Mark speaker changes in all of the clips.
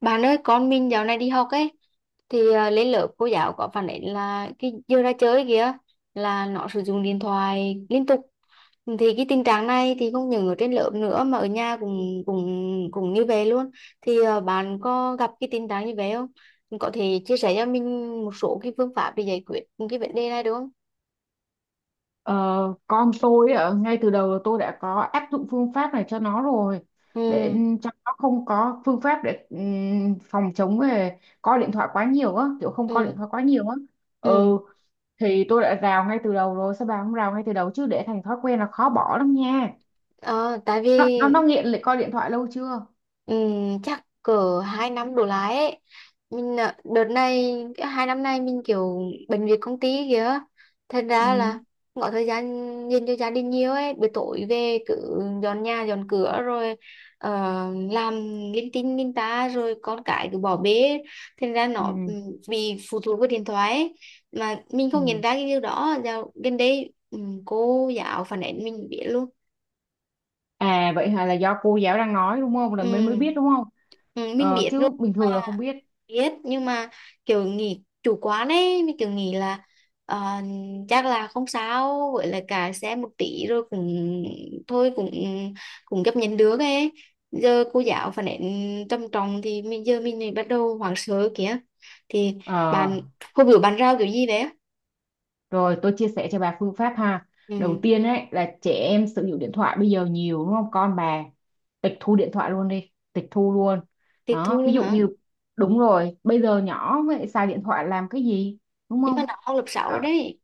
Speaker 1: Bạn ơi con mình dạo này đi học ấy thì lên lớp cô giáo có phản ánh là cái giờ ra chơi kìa là nó sử dụng điện thoại liên tục. Thì cái tình trạng này thì không những ở trên lớp nữa mà ở nhà cũng cũng cũng như vậy luôn. Thì bạn có gặp cái tình trạng như vậy không, có thể chia sẻ cho mình một số cái phương pháp để giải quyết cái vấn đề này được không?
Speaker 2: Ờ, con tôi ạ, ngay từ đầu là tôi đã có áp dụng phương pháp này cho nó rồi để
Speaker 1: Ừ.
Speaker 2: cho nó không có phương pháp để phòng chống về coi điện thoại quá nhiều á, kiểu không coi điện
Speaker 1: Ừ.
Speaker 2: thoại quá nhiều á.
Speaker 1: Ừ.
Speaker 2: Ừ, thì tôi đã rào ngay từ đầu rồi. Sao bà không rào ngay từ đầu chứ, để thành thói quen là khó bỏ lắm nha.
Speaker 1: Ờ, tại
Speaker 2: nó
Speaker 1: vì
Speaker 2: nó, nó nghiện lại coi điện thoại lâu chưa?
Speaker 1: Chắc cỡ hai năm đổ lại ấy. Mình đợt này cái hai năm nay mình kiểu bận việc công ty kìa, thành ra là
Speaker 2: Ừ,
Speaker 1: không có thời gian dành cho gia đình nhiều ấy. Buổi tối về cứ dọn nhà dọn cửa rồi ờ, làm linh tinh linh ta rồi con cái cứ bỏ bê. Thành ra nó
Speaker 2: ừ,
Speaker 1: bị phụ thuộc vào điện thoại ấy. Mà mình không nhận
Speaker 2: ừ.
Speaker 1: ra cái điều đó. Dạo gần đây cô giáo phản ánh mình biết luôn.
Speaker 2: À vậy hả, là do cô giáo đang nói đúng không, là mình mới biết
Speaker 1: Ừm.
Speaker 2: đúng không?
Speaker 1: Ừ, mình biết
Speaker 2: Chứ bình thường là không biết.
Speaker 1: biết nhưng mà kiểu nghỉ chủ quán ấy mình kiểu nghĩ là ờ, chắc là không sao, với lại cả xe một tí rồi cũng thôi cũng cũng chấp nhận được ấy. Giờ cô giáo phản ánh trầm trọng thì mình giờ mình lại bắt đầu hoảng sợ kìa. Thì
Speaker 2: Ờ.
Speaker 1: bạn hôm bữa bạn rau kiểu gì đấy.
Speaker 2: Rồi tôi chia sẻ cho bà phương pháp ha. Đầu
Speaker 1: Ừ,
Speaker 2: tiên ấy là trẻ em sử dụng điện thoại bây giờ nhiều đúng không? Con bà tịch thu điện thoại luôn đi, tịch thu luôn.
Speaker 1: tiết thu
Speaker 2: Đó, ví
Speaker 1: luôn
Speaker 2: dụ
Speaker 1: hả?
Speaker 2: như đúng rồi, bây giờ nhỏ vậy xài điện thoại làm cái gì? Đúng
Speaker 1: Nhưng mà
Speaker 2: không?
Speaker 1: nó học lớp 6 rồi
Speaker 2: Ờ,
Speaker 1: đấy.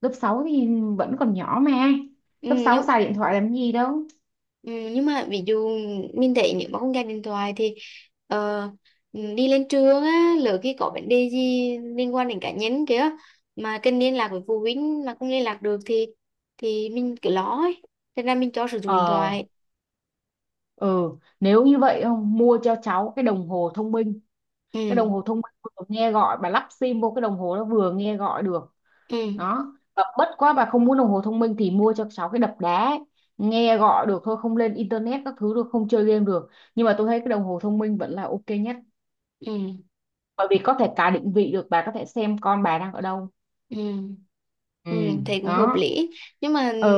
Speaker 2: lớp 6 thì vẫn còn nhỏ mà.
Speaker 1: Ừ,
Speaker 2: Lớp 6
Speaker 1: nhưng
Speaker 2: xài điện thoại làm cái gì đâu.
Speaker 1: Ừ, nhưng mà ví dụ mình thấy nếu mà không gạt điện thoại thì ờ, đi lên trường á, lỡ khi có vấn đề gì liên quan đến cá nhân kìa mà cần liên lạc với phụ huynh mà không liên lạc được thì mình cứ lo ấy. Thế nên mình cho sử dụng điện
Speaker 2: Ờ,
Speaker 1: thoại.
Speaker 2: ừ, nếu như vậy không mua cho cháu cái đồng hồ thông minh,
Speaker 1: Ừ.
Speaker 2: cái đồng hồ thông minh vừa nghe gọi, bà lắp sim vô cái đồng hồ nó vừa nghe gọi được.
Speaker 1: Ừ.
Speaker 2: Đó. Và bất quá bà không muốn đồng hồ thông minh thì mua cho cháu cái đập đá ấy, nghe gọi được thôi, không lên internet các thứ được, không chơi game được. Nhưng mà tôi thấy cái đồng hồ thông minh vẫn là ok nhất,
Speaker 1: Ừ.
Speaker 2: bởi vì có thể cả định vị được, bà có thể xem con bà đang ở đâu.
Speaker 1: Ừ.
Speaker 2: Ừ.
Speaker 1: Ừ, thấy cũng hợp
Speaker 2: Đó.
Speaker 1: lý nhưng mà
Speaker 2: Ừ.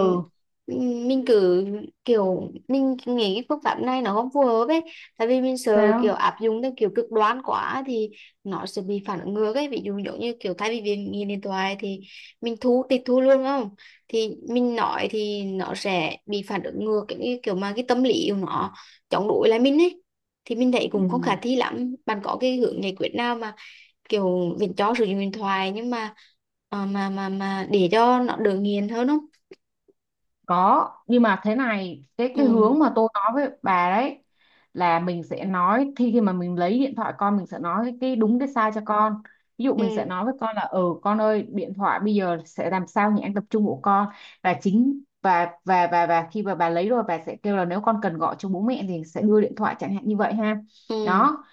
Speaker 1: ừ, mình cứ kiểu mình nghĩ cái phương pháp này nó không phù hợp ấy. Tại vì mình sợ kiểu
Speaker 2: Sao?
Speaker 1: áp dụng theo kiểu cực đoan quá thì nó sẽ bị phản ứng ngược ấy. Ví dụ giống như kiểu thay vì việc nghiện điện thoại thì mình tịch thu luôn đúng không? Thì mình nói thì nó sẽ bị phản ứng ngược. Cái kiểu mà cái tâm lý của nó chống đối lại mình ấy. Thì mình thấy cũng không khả
Speaker 2: Ừ.
Speaker 1: thi lắm. Bạn có cái hướng giải quyết nào mà kiểu mình cho sử dụng điện thoại nhưng mà để cho nó đỡ nghiền hơn không?
Speaker 2: Có, nhưng mà thế này, cái
Speaker 1: Ừ.
Speaker 2: cái hướng mà tôi nói với bà đấy là mình sẽ nói, khi khi mà mình lấy điện thoại con mình sẽ nói cái đúng cái sai cho con. Ví dụ
Speaker 1: Ừ.
Speaker 2: mình sẽ nói với con là con ơi, điện thoại bây giờ sẽ làm sao nhãn tập trung của con. Và chính và và và và khi mà bà lấy rồi bà sẽ kêu là nếu con cần gọi cho bố mẹ thì sẽ đưa điện thoại, chẳng hạn như vậy ha.
Speaker 1: Ừ.
Speaker 2: Đó.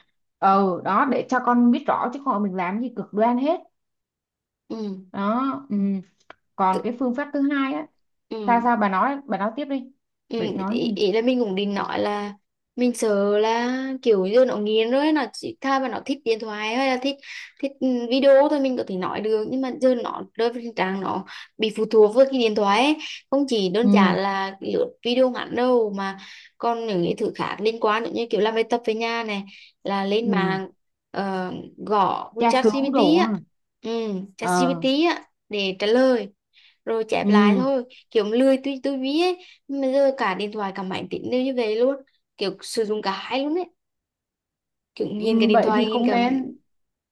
Speaker 2: Ừ, đó để cho con biết rõ, chứ không mình làm gì cực đoan hết.
Speaker 1: Ừ.
Speaker 2: Đó, ừ. Còn
Speaker 1: tự-
Speaker 2: cái phương pháp thứ hai á, sao
Speaker 1: ừ.
Speaker 2: sao bà nói tiếp đi,
Speaker 1: Ừ,
Speaker 2: bà định nói
Speaker 1: ý,
Speaker 2: gì?
Speaker 1: ý là mình cũng định nói là mình sợ là kiểu giờ nó nghiện rồi nó chỉ tha mà nó thích điện thoại hay là thích thích video thôi. Mình có thể nói được nhưng mà giờ nó rơi vào tình trạng nó bị phụ thuộc với cái điện thoại ấy. Không chỉ đơn giản
Speaker 2: Ừ,
Speaker 1: là lướt video ngắn đâu mà còn những cái thứ khác liên quan nữa, như kiểu làm bài tập về nhà này là lên
Speaker 2: ừ,
Speaker 1: mạng, ờ, gõ với
Speaker 2: tra cứu
Speaker 1: ChatGPT
Speaker 2: đồ
Speaker 1: á.
Speaker 2: hả?
Speaker 1: Ừ, ChatGPT
Speaker 2: ờ
Speaker 1: á để trả lời rồi chép lại
Speaker 2: ừ.
Speaker 1: thôi. Kiểu lười tuy tôi biết ấy nhưng mà giờ cả điện thoại cả máy tính đều như vậy luôn. Kiểu sử dụng cả hai luôn ấy. Kiểu nghiền cả
Speaker 2: Ừ,
Speaker 1: điện
Speaker 2: vậy thì
Speaker 1: thoại nghiền
Speaker 2: không
Speaker 1: cả.
Speaker 2: nên.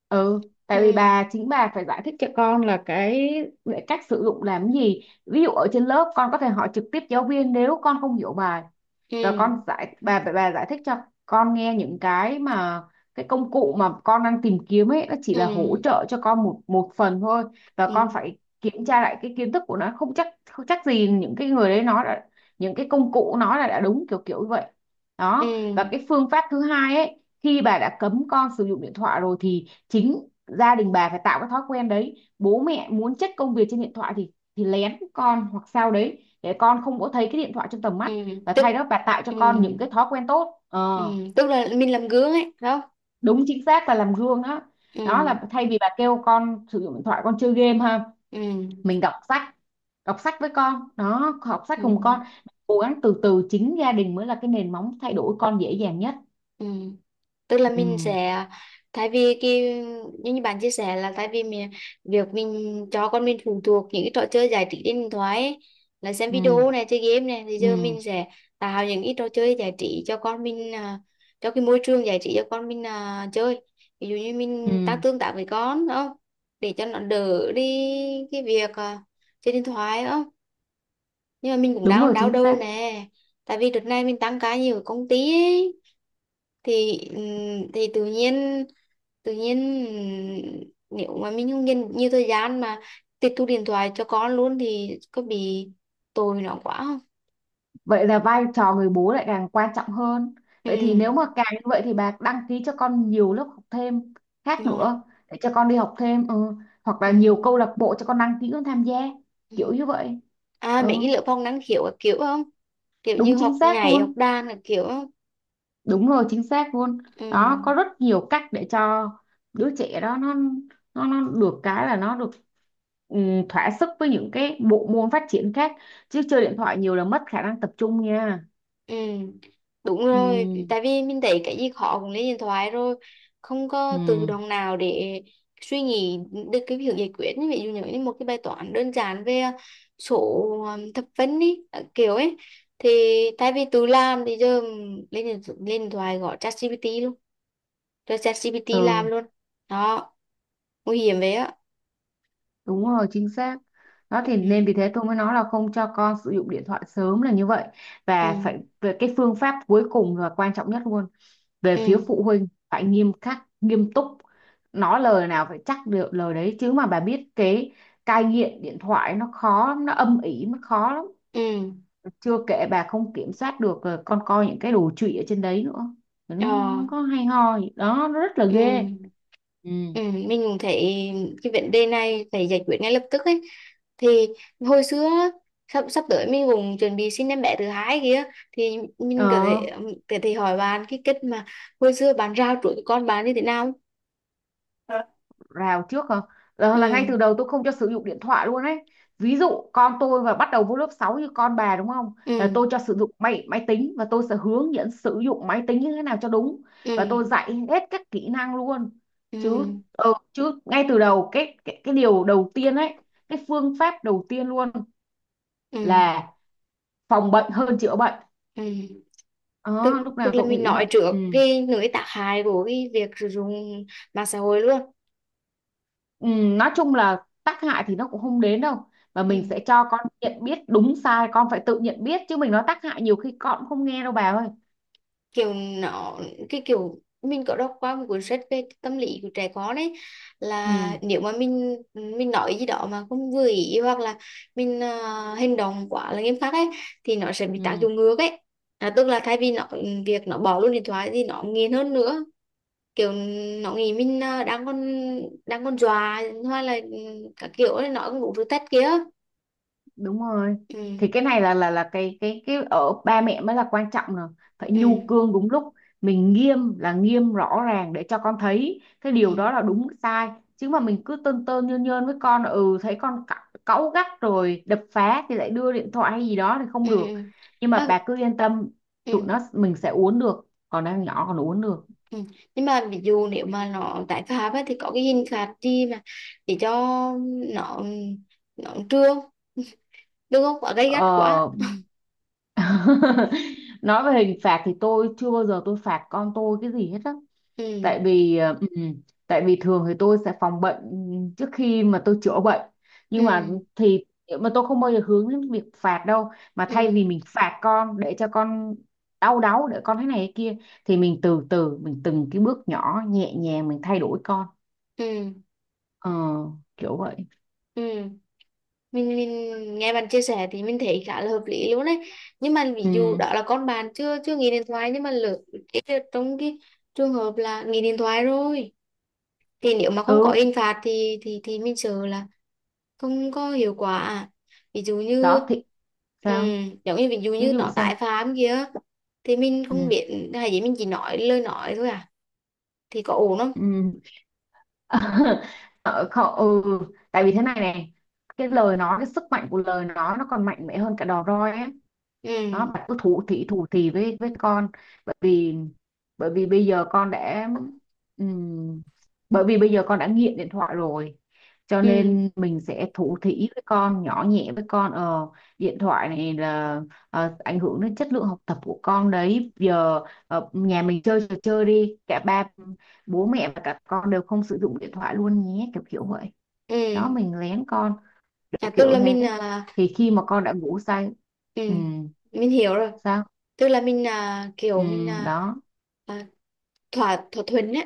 Speaker 2: Ừ, tại vì
Speaker 1: Ừ.
Speaker 2: bà, chính bà phải giải thích cho con là cái cách sử dụng làm gì. Ví dụ ở trên lớp con có thể hỏi trực tiếp giáo viên nếu con không hiểu bài,
Speaker 1: Ừ.
Speaker 2: và con giải bà giải thích cho con nghe những cái mà cái công cụ mà con đang tìm kiếm ấy nó chỉ
Speaker 1: Ừ.
Speaker 2: là hỗ trợ cho con một một phần thôi, và con
Speaker 1: Ừ.
Speaker 2: phải kiểm tra lại cái kiến thức của nó, không chắc gì những cái người đấy nói là những cái công cụ nó là đã đúng, kiểu kiểu như vậy.
Speaker 1: Ừ.
Speaker 2: Đó. Và cái phương pháp thứ hai ấy, khi bà đã cấm con sử dụng điện thoại rồi thì chính gia đình bà phải tạo cái thói quen đấy. Bố mẹ muốn check công việc trên điện thoại thì lén con hoặc sao đấy để con không có thấy cái điện thoại trong tầm
Speaker 1: Ừ.
Speaker 2: mắt, là
Speaker 1: tức
Speaker 2: thay đó bà tạo cho
Speaker 1: ừ.
Speaker 2: con những cái thói quen tốt
Speaker 1: Ừ,
Speaker 2: ờ,
Speaker 1: tức là mình làm gương ấy phải không?
Speaker 2: Đúng, chính xác là làm gương. Đó, đó
Speaker 1: Ừ.
Speaker 2: là thay vì bà kêu con sử dụng điện thoại con chơi game ha,
Speaker 1: Ừ.
Speaker 2: mình đọc sách, đọc sách với con. Đó, học sách cùng con,
Speaker 1: Ừ.
Speaker 2: cố gắng từ từ, chính gia đình mới là cái nền móng thay đổi con dễ dàng nhất.
Speaker 1: Ừ. Ừ. Tức là mình
Speaker 2: Ừ,
Speaker 1: sẽ thay vì cái như như bạn chia sẻ là thay vì mình việc mình cho con mình phụ thuộc những cái trò chơi giải trí trên điện thoại ấy, là xem
Speaker 2: ừ,
Speaker 1: video này chơi game này thì giờ
Speaker 2: ừ,
Speaker 1: mình sẽ tạo những cái trò chơi giải trí cho con mình, cho cái môi trường giải trí cho con mình, chơi. Ví dụ như mình tăng
Speaker 2: ừ.
Speaker 1: tương tác với con đúng không, để cho nó đỡ đi cái việc chơi điện thoại đúng không? Nhưng mà mình cũng
Speaker 2: Đúng
Speaker 1: đang
Speaker 2: rồi,
Speaker 1: đau
Speaker 2: chính
Speaker 1: đầu
Speaker 2: xác.
Speaker 1: nè, tại vì đợt này mình tăng ca nhiều ở công ty ấy. Thì thì tự nhiên nếu mà mình không dành nhiều thời gian mà tịch thu điện thoại cho con luôn thì có bị tội nó quá không?
Speaker 2: Vậy là vai trò người bố lại càng quan trọng hơn.
Speaker 1: Ừ.
Speaker 2: Vậy thì nếu mà càng như vậy thì bà đăng ký cho con nhiều lớp học thêm khác
Speaker 1: Rồi.
Speaker 2: nữa, để cho con đi học thêm ừ. Hoặc là
Speaker 1: Ừ.
Speaker 2: nhiều câu lạc bộ cho con đăng ký con tham gia, kiểu
Speaker 1: Ừ.
Speaker 2: như vậy.
Speaker 1: À,
Speaker 2: Ừ,
Speaker 1: mấy cái lớp học năng khiếu các kiểu không, kiểu
Speaker 2: đúng
Speaker 1: như
Speaker 2: chính
Speaker 1: học
Speaker 2: xác
Speaker 1: nhảy học
Speaker 2: luôn.
Speaker 1: đàn các kiểu không?
Speaker 2: Đúng rồi, chính xác luôn.
Speaker 1: Ừ.
Speaker 2: Đó, có rất nhiều cách để cho đứa trẻ đó nó được thỏa sức với những cái bộ môn phát triển khác, chứ chơi điện thoại nhiều là mất khả năng tập trung nha.
Speaker 1: Ừ, đúng
Speaker 2: Ừ.
Speaker 1: rồi, tại vì mình thấy cái gì khó cũng lên điện thoại rồi, không
Speaker 2: Ừ.
Speaker 1: có tự động nào để suy nghĩ được cái việc giải quyết. Ví dụ như một cái bài toán đơn giản về số thập phân đi, kiểu ấy, thì thay vì tự làm thì giờ lên điện thoại gọi ChatGPT luôn, cho ChatGPT làm
Speaker 2: Ừ.
Speaker 1: luôn. Đó, nguy hiểm vậy á.
Speaker 2: Đúng rồi, chính xác. Đó thì
Speaker 1: Ừ.
Speaker 2: nên vì thế tôi mới nói là không cho con sử dụng điện thoại sớm là như vậy.
Speaker 1: Ừ.
Speaker 2: Và phải, về cái phương pháp cuối cùng và quan trọng nhất luôn, về phía
Speaker 1: Ừ.
Speaker 2: phụ huynh phải nghiêm khắc, nghiêm túc. Nói lời nào phải chắc được lời đấy, chứ mà bà biết cái cai nghiện điện thoại nó khó lắm, nó âm ỉ, nó khó lắm.
Speaker 1: Ừ.
Speaker 2: Chưa kể bà không kiểm soát được con coi những cái đồ trụy ở trên đấy nữa. Nó
Speaker 1: Ờ.
Speaker 2: không có hay ho gì. Đó, nó rất là ghê.
Speaker 1: Ừ.
Speaker 2: Ừ.
Speaker 1: Ừ, mình cũng thấy cái vấn đề này phải giải quyết ngay lập tức ấy. Thì hồi xưa á, sắp sắp tới mình cũng chuẩn bị sinh em bé thứ hai kia. Thì mình có
Speaker 2: Ờ.
Speaker 1: thể có thể hỏi bạn cái cách mà hồi xưa bạn rao chuỗi cho con bạn như thế nào.
Speaker 2: Rào trước không?
Speaker 1: Ừ.
Speaker 2: Là ngay từ đầu tôi không cho sử dụng điện thoại luôn ấy. Ví dụ con tôi và bắt đầu vô lớp 6 như con bà đúng không? Là
Speaker 1: Ừ.
Speaker 2: tôi cho sử dụng máy máy tính, và tôi sẽ hướng dẫn sử dụng máy tính như thế nào cho đúng,
Speaker 1: Ừ.
Speaker 2: và tôi dạy hết các kỹ năng luôn.
Speaker 1: Ừ.
Speaker 2: Chứ chứ ngay từ đầu cái điều đầu tiên ấy, cái phương pháp đầu tiên luôn
Speaker 1: Ừ.
Speaker 2: là phòng bệnh hơn chữa bệnh.
Speaker 1: Ừ. tức
Speaker 2: Đó, lúc nào
Speaker 1: tức là
Speaker 2: tôi cũng
Speaker 1: mình
Speaker 2: nghĩ
Speaker 1: nói
Speaker 2: vậy.
Speaker 1: trước
Speaker 2: Ừ.
Speaker 1: cái nỗi tác hại của cái việc sử dụng mạng xã hội luôn.
Speaker 2: Ừ, nói chung là tác hại thì nó cũng không đến đâu, mà
Speaker 1: Ừ,
Speaker 2: mình sẽ cho con nhận biết đúng sai, con phải tự nhận biết, chứ mình nói tác hại nhiều khi con cũng không nghe đâu bà ơi.
Speaker 1: kiểu nó cái kiểu mình có đọc qua một cuốn sách về tâm lý của trẻ con ấy là
Speaker 2: Ừ,
Speaker 1: nếu mà mình nói gì đó mà không vừa ý hoặc là mình hành động quá là nghiêm khắc ấy thì nó sẽ bị tác
Speaker 2: ừ,
Speaker 1: dụng ngược ấy. À, tức là thay vì việc nó bỏ luôn điện thoại thì nó nghiện hơn nữa. Kiểu nó nghĩ mình đang còn dọa hoặc là các kiểu ấy, nó cũng đủ thứ tết kia.
Speaker 2: đúng rồi.
Speaker 1: Ừ.
Speaker 2: Thì cái này là cái cái ở ba mẹ mới là quan trọng nè, phải
Speaker 1: Ừ.
Speaker 2: nhu cương đúng lúc. Mình nghiêm là nghiêm rõ ràng để cho con thấy cái điều đó
Speaker 1: Ừ.
Speaker 2: là đúng sai, chứ mà mình cứ tơn tơn nhơn nhơn với con, thấy con cáu gắt rồi đập phá thì lại đưa điện thoại hay gì đó thì không
Speaker 1: Ừ. Ừ.
Speaker 2: được.
Speaker 1: Ừ.
Speaker 2: Nhưng mà
Speaker 1: À.
Speaker 2: bà cứ yên tâm, tụi
Speaker 1: Ừ.
Speaker 2: nó mình sẽ uốn được, còn đang nhỏ còn uốn được.
Speaker 1: Ừ. Nhưng mà ví dụ nếu mà nó tái phạm ấy, thì có cái hình phạt gì mà để cho nó nó trưa đừng có quá gay gắt quá?
Speaker 2: ờ nói về hình phạt thì tôi chưa bao giờ tôi phạt con tôi cái gì hết á, tại
Speaker 1: Ừ.
Speaker 2: vì ờ, ừm, tại vì thường thì tôi sẽ phòng bệnh trước khi mà tôi chữa bệnh. Nhưng mà
Speaker 1: Ừ.
Speaker 2: thì mà tôi không bao giờ hướng đến việc phạt đâu, mà thay vì
Speaker 1: Ừ.
Speaker 2: mình phạt con để cho con đau đáu, để con thế này thế kia, thì mình từ từ, mình từng cái bước nhỏ nhẹ nhàng mình thay đổi con
Speaker 1: Ừ.
Speaker 2: ờ, kiểu vậy.
Speaker 1: Ừ. Mình nghe bạn chia sẻ thì mình thấy khá là hợp lý luôn đấy. Nhưng mà ví
Speaker 2: Ừ,
Speaker 1: dụ đó là con bạn chưa chưa nghỉ điện thoại, nhưng mà lỡ cái đợt trong cái trường hợp là nghỉ điện thoại rồi thì nếu mà không có
Speaker 2: ừ.
Speaker 1: hình phạt thì thì mình sợ là không có hiệu quả. Ví dụ như
Speaker 2: Đó thì sao,
Speaker 1: giống như ví dụ
Speaker 2: ví
Speaker 1: như
Speaker 2: dụ
Speaker 1: nó
Speaker 2: sao?
Speaker 1: tái phạm kia, thì mình không
Speaker 2: Ừ,
Speaker 1: biết hay gì, mình chỉ nói lời nói thôi à, thì có ổn không?
Speaker 2: ừ. Ờ, không, ừ, tại vì thế này này, cái lời nói, cái sức mạnh của lời nói nó còn mạnh mẽ hơn cả đòn roi á.
Speaker 1: Ừ.
Speaker 2: Đó, bạn cứ thủ thị với con, bởi vì bởi vì bây giờ con đã ừm, bởi vì bây giờ con đã nghiện điện thoại rồi, cho
Speaker 1: Ừ.
Speaker 2: nên mình sẽ thủ thỉ với con, nhỏ nhẹ với con ờ Điện thoại này là, ảnh hưởng đến chất lượng học tập của con đấy. Giờ, nhà mình chơi trò chơi đi, cả ba bố mẹ và cả con đều không sử dụng điện thoại luôn nhé, kiểu kiểu vậy. Đó,
Speaker 1: Ừ.
Speaker 2: mình lén con,
Speaker 1: À,
Speaker 2: kiểu
Speaker 1: tức
Speaker 2: kiểu
Speaker 1: là
Speaker 2: thế,
Speaker 1: mình à,
Speaker 2: thì khi mà con đã ngủ say.
Speaker 1: ừ
Speaker 2: Ừ.
Speaker 1: mình hiểu rồi.
Speaker 2: Sao?
Speaker 1: Tức là mình
Speaker 2: Ừ,
Speaker 1: kiểu mình
Speaker 2: đó
Speaker 1: à, thỏa thỏa thuận ấy.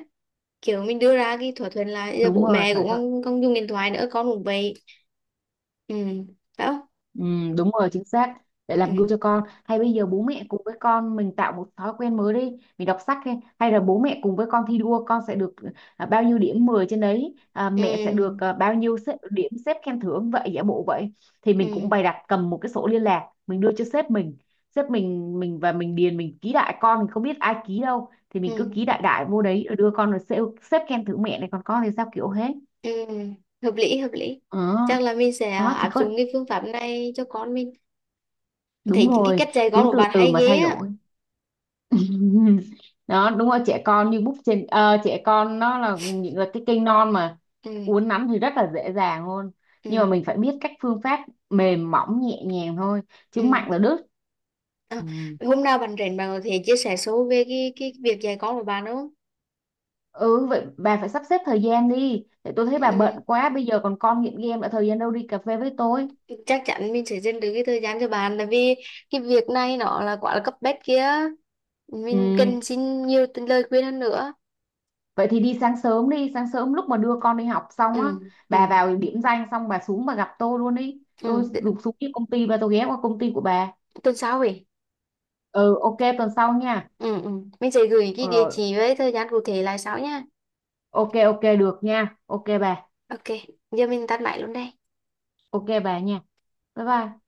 Speaker 1: Kiểu mình đưa ra cái thỏa thuận là bây giờ
Speaker 2: đúng
Speaker 1: bố
Speaker 2: rồi,
Speaker 1: mẹ
Speaker 2: thỏa
Speaker 1: cũng
Speaker 2: thuận.
Speaker 1: không không dùng điện thoại nữa, con cũng vậy. Ừ, phải không?
Speaker 2: Ừ, đúng rồi, chính xác, để làm
Speaker 1: Ừ.
Speaker 2: gương cho con. Hay bây giờ bố mẹ cùng với con mình tạo một thói quen mới đi, mình đọc sách, hay là bố mẹ cùng với con thi đua, con sẽ được bao nhiêu điểm 10 trên đấy, mẹ sẽ được
Speaker 1: Ừ.
Speaker 2: bao nhiêu điểm xếp khen thưởng vậy, giả bộ vậy. Thì
Speaker 1: Ừ.
Speaker 2: mình cũng bày đặt cầm một cái sổ liên lạc mình đưa cho sếp mình, sếp mình và mình điền, mình ký đại, con mình không biết ai ký đâu thì mình cứ
Speaker 1: Ừ.
Speaker 2: ký đại đại vô đấy rồi đưa con, rồi sếp khen thưởng mẹ này, còn con thì sao, kiểu hết.
Speaker 1: Ừ, hợp lý hợp lý.
Speaker 2: Ờ.
Speaker 1: Chắc là mình sẽ
Speaker 2: Đó thì
Speaker 1: áp
Speaker 2: có,
Speaker 1: dụng cái phương pháp này cho con mình. Thấy
Speaker 2: đúng
Speaker 1: những cái
Speaker 2: rồi,
Speaker 1: cách dạy con
Speaker 2: cứ
Speaker 1: của
Speaker 2: từ
Speaker 1: bạn
Speaker 2: từ
Speaker 1: hay
Speaker 2: mà
Speaker 1: ghê
Speaker 2: thay
Speaker 1: á.
Speaker 2: đổi. Đó đúng rồi, trẻ con như búp trên, trẻ con nó là là cái cây non mà,
Speaker 1: Ừ.
Speaker 2: uốn nắn thì rất là dễ dàng luôn, nhưng mà
Speaker 1: Ừ.
Speaker 2: mình phải biết cách phương pháp, mềm mỏng nhẹ nhàng thôi, chứ
Speaker 1: Ừ.
Speaker 2: mạnh là đứt.
Speaker 1: À,
Speaker 2: Ừ.
Speaker 1: hôm nào bạn rảnh bạn có thể chia sẻ sâu về cái việc dạy con của bạn không?
Speaker 2: Ừ, vậy bà phải sắp xếp thời gian đi, để tôi thấy bà bận
Speaker 1: Ừ,
Speaker 2: quá, bây giờ còn con nghiện game đã, thời gian đâu đi cà phê với tôi.
Speaker 1: ừ. Chắc chắn mình sẽ dành được cái thời gian cho bạn, tại vì cái việc này nó là quá là cấp bách kia. Mình
Speaker 2: Ừ.
Speaker 1: cần xin nhiều lời khuyên hơn nữa.
Speaker 2: Vậy thì đi, sáng sớm lúc mà đưa con đi học xong á,
Speaker 1: Ừ. Ừ.
Speaker 2: bà vào điểm danh xong bà xuống bà gặp tôi luôn đi.
Speaker 1: Ừ.
Speaker 2: Tôi rụt xuống cái công ty và tôi ghé qua công ty của bà.
Speaker 1: Tuần sau vậy.
Speaker 2: Ừ, ok tuần sau nha.
Speaker 1: Ừ. Ừ. Mình sẽ gửi cái địa
Speaker 2: Rồi,
Speaker 1: chỉ với thời gian cụ thể lại sau nha.
Speaker 2: ok ok được nha.
Speaker 1: OK, giờ mình tắt máy luôn đây.
Speaker 2: Ok bà nha. Bye bye.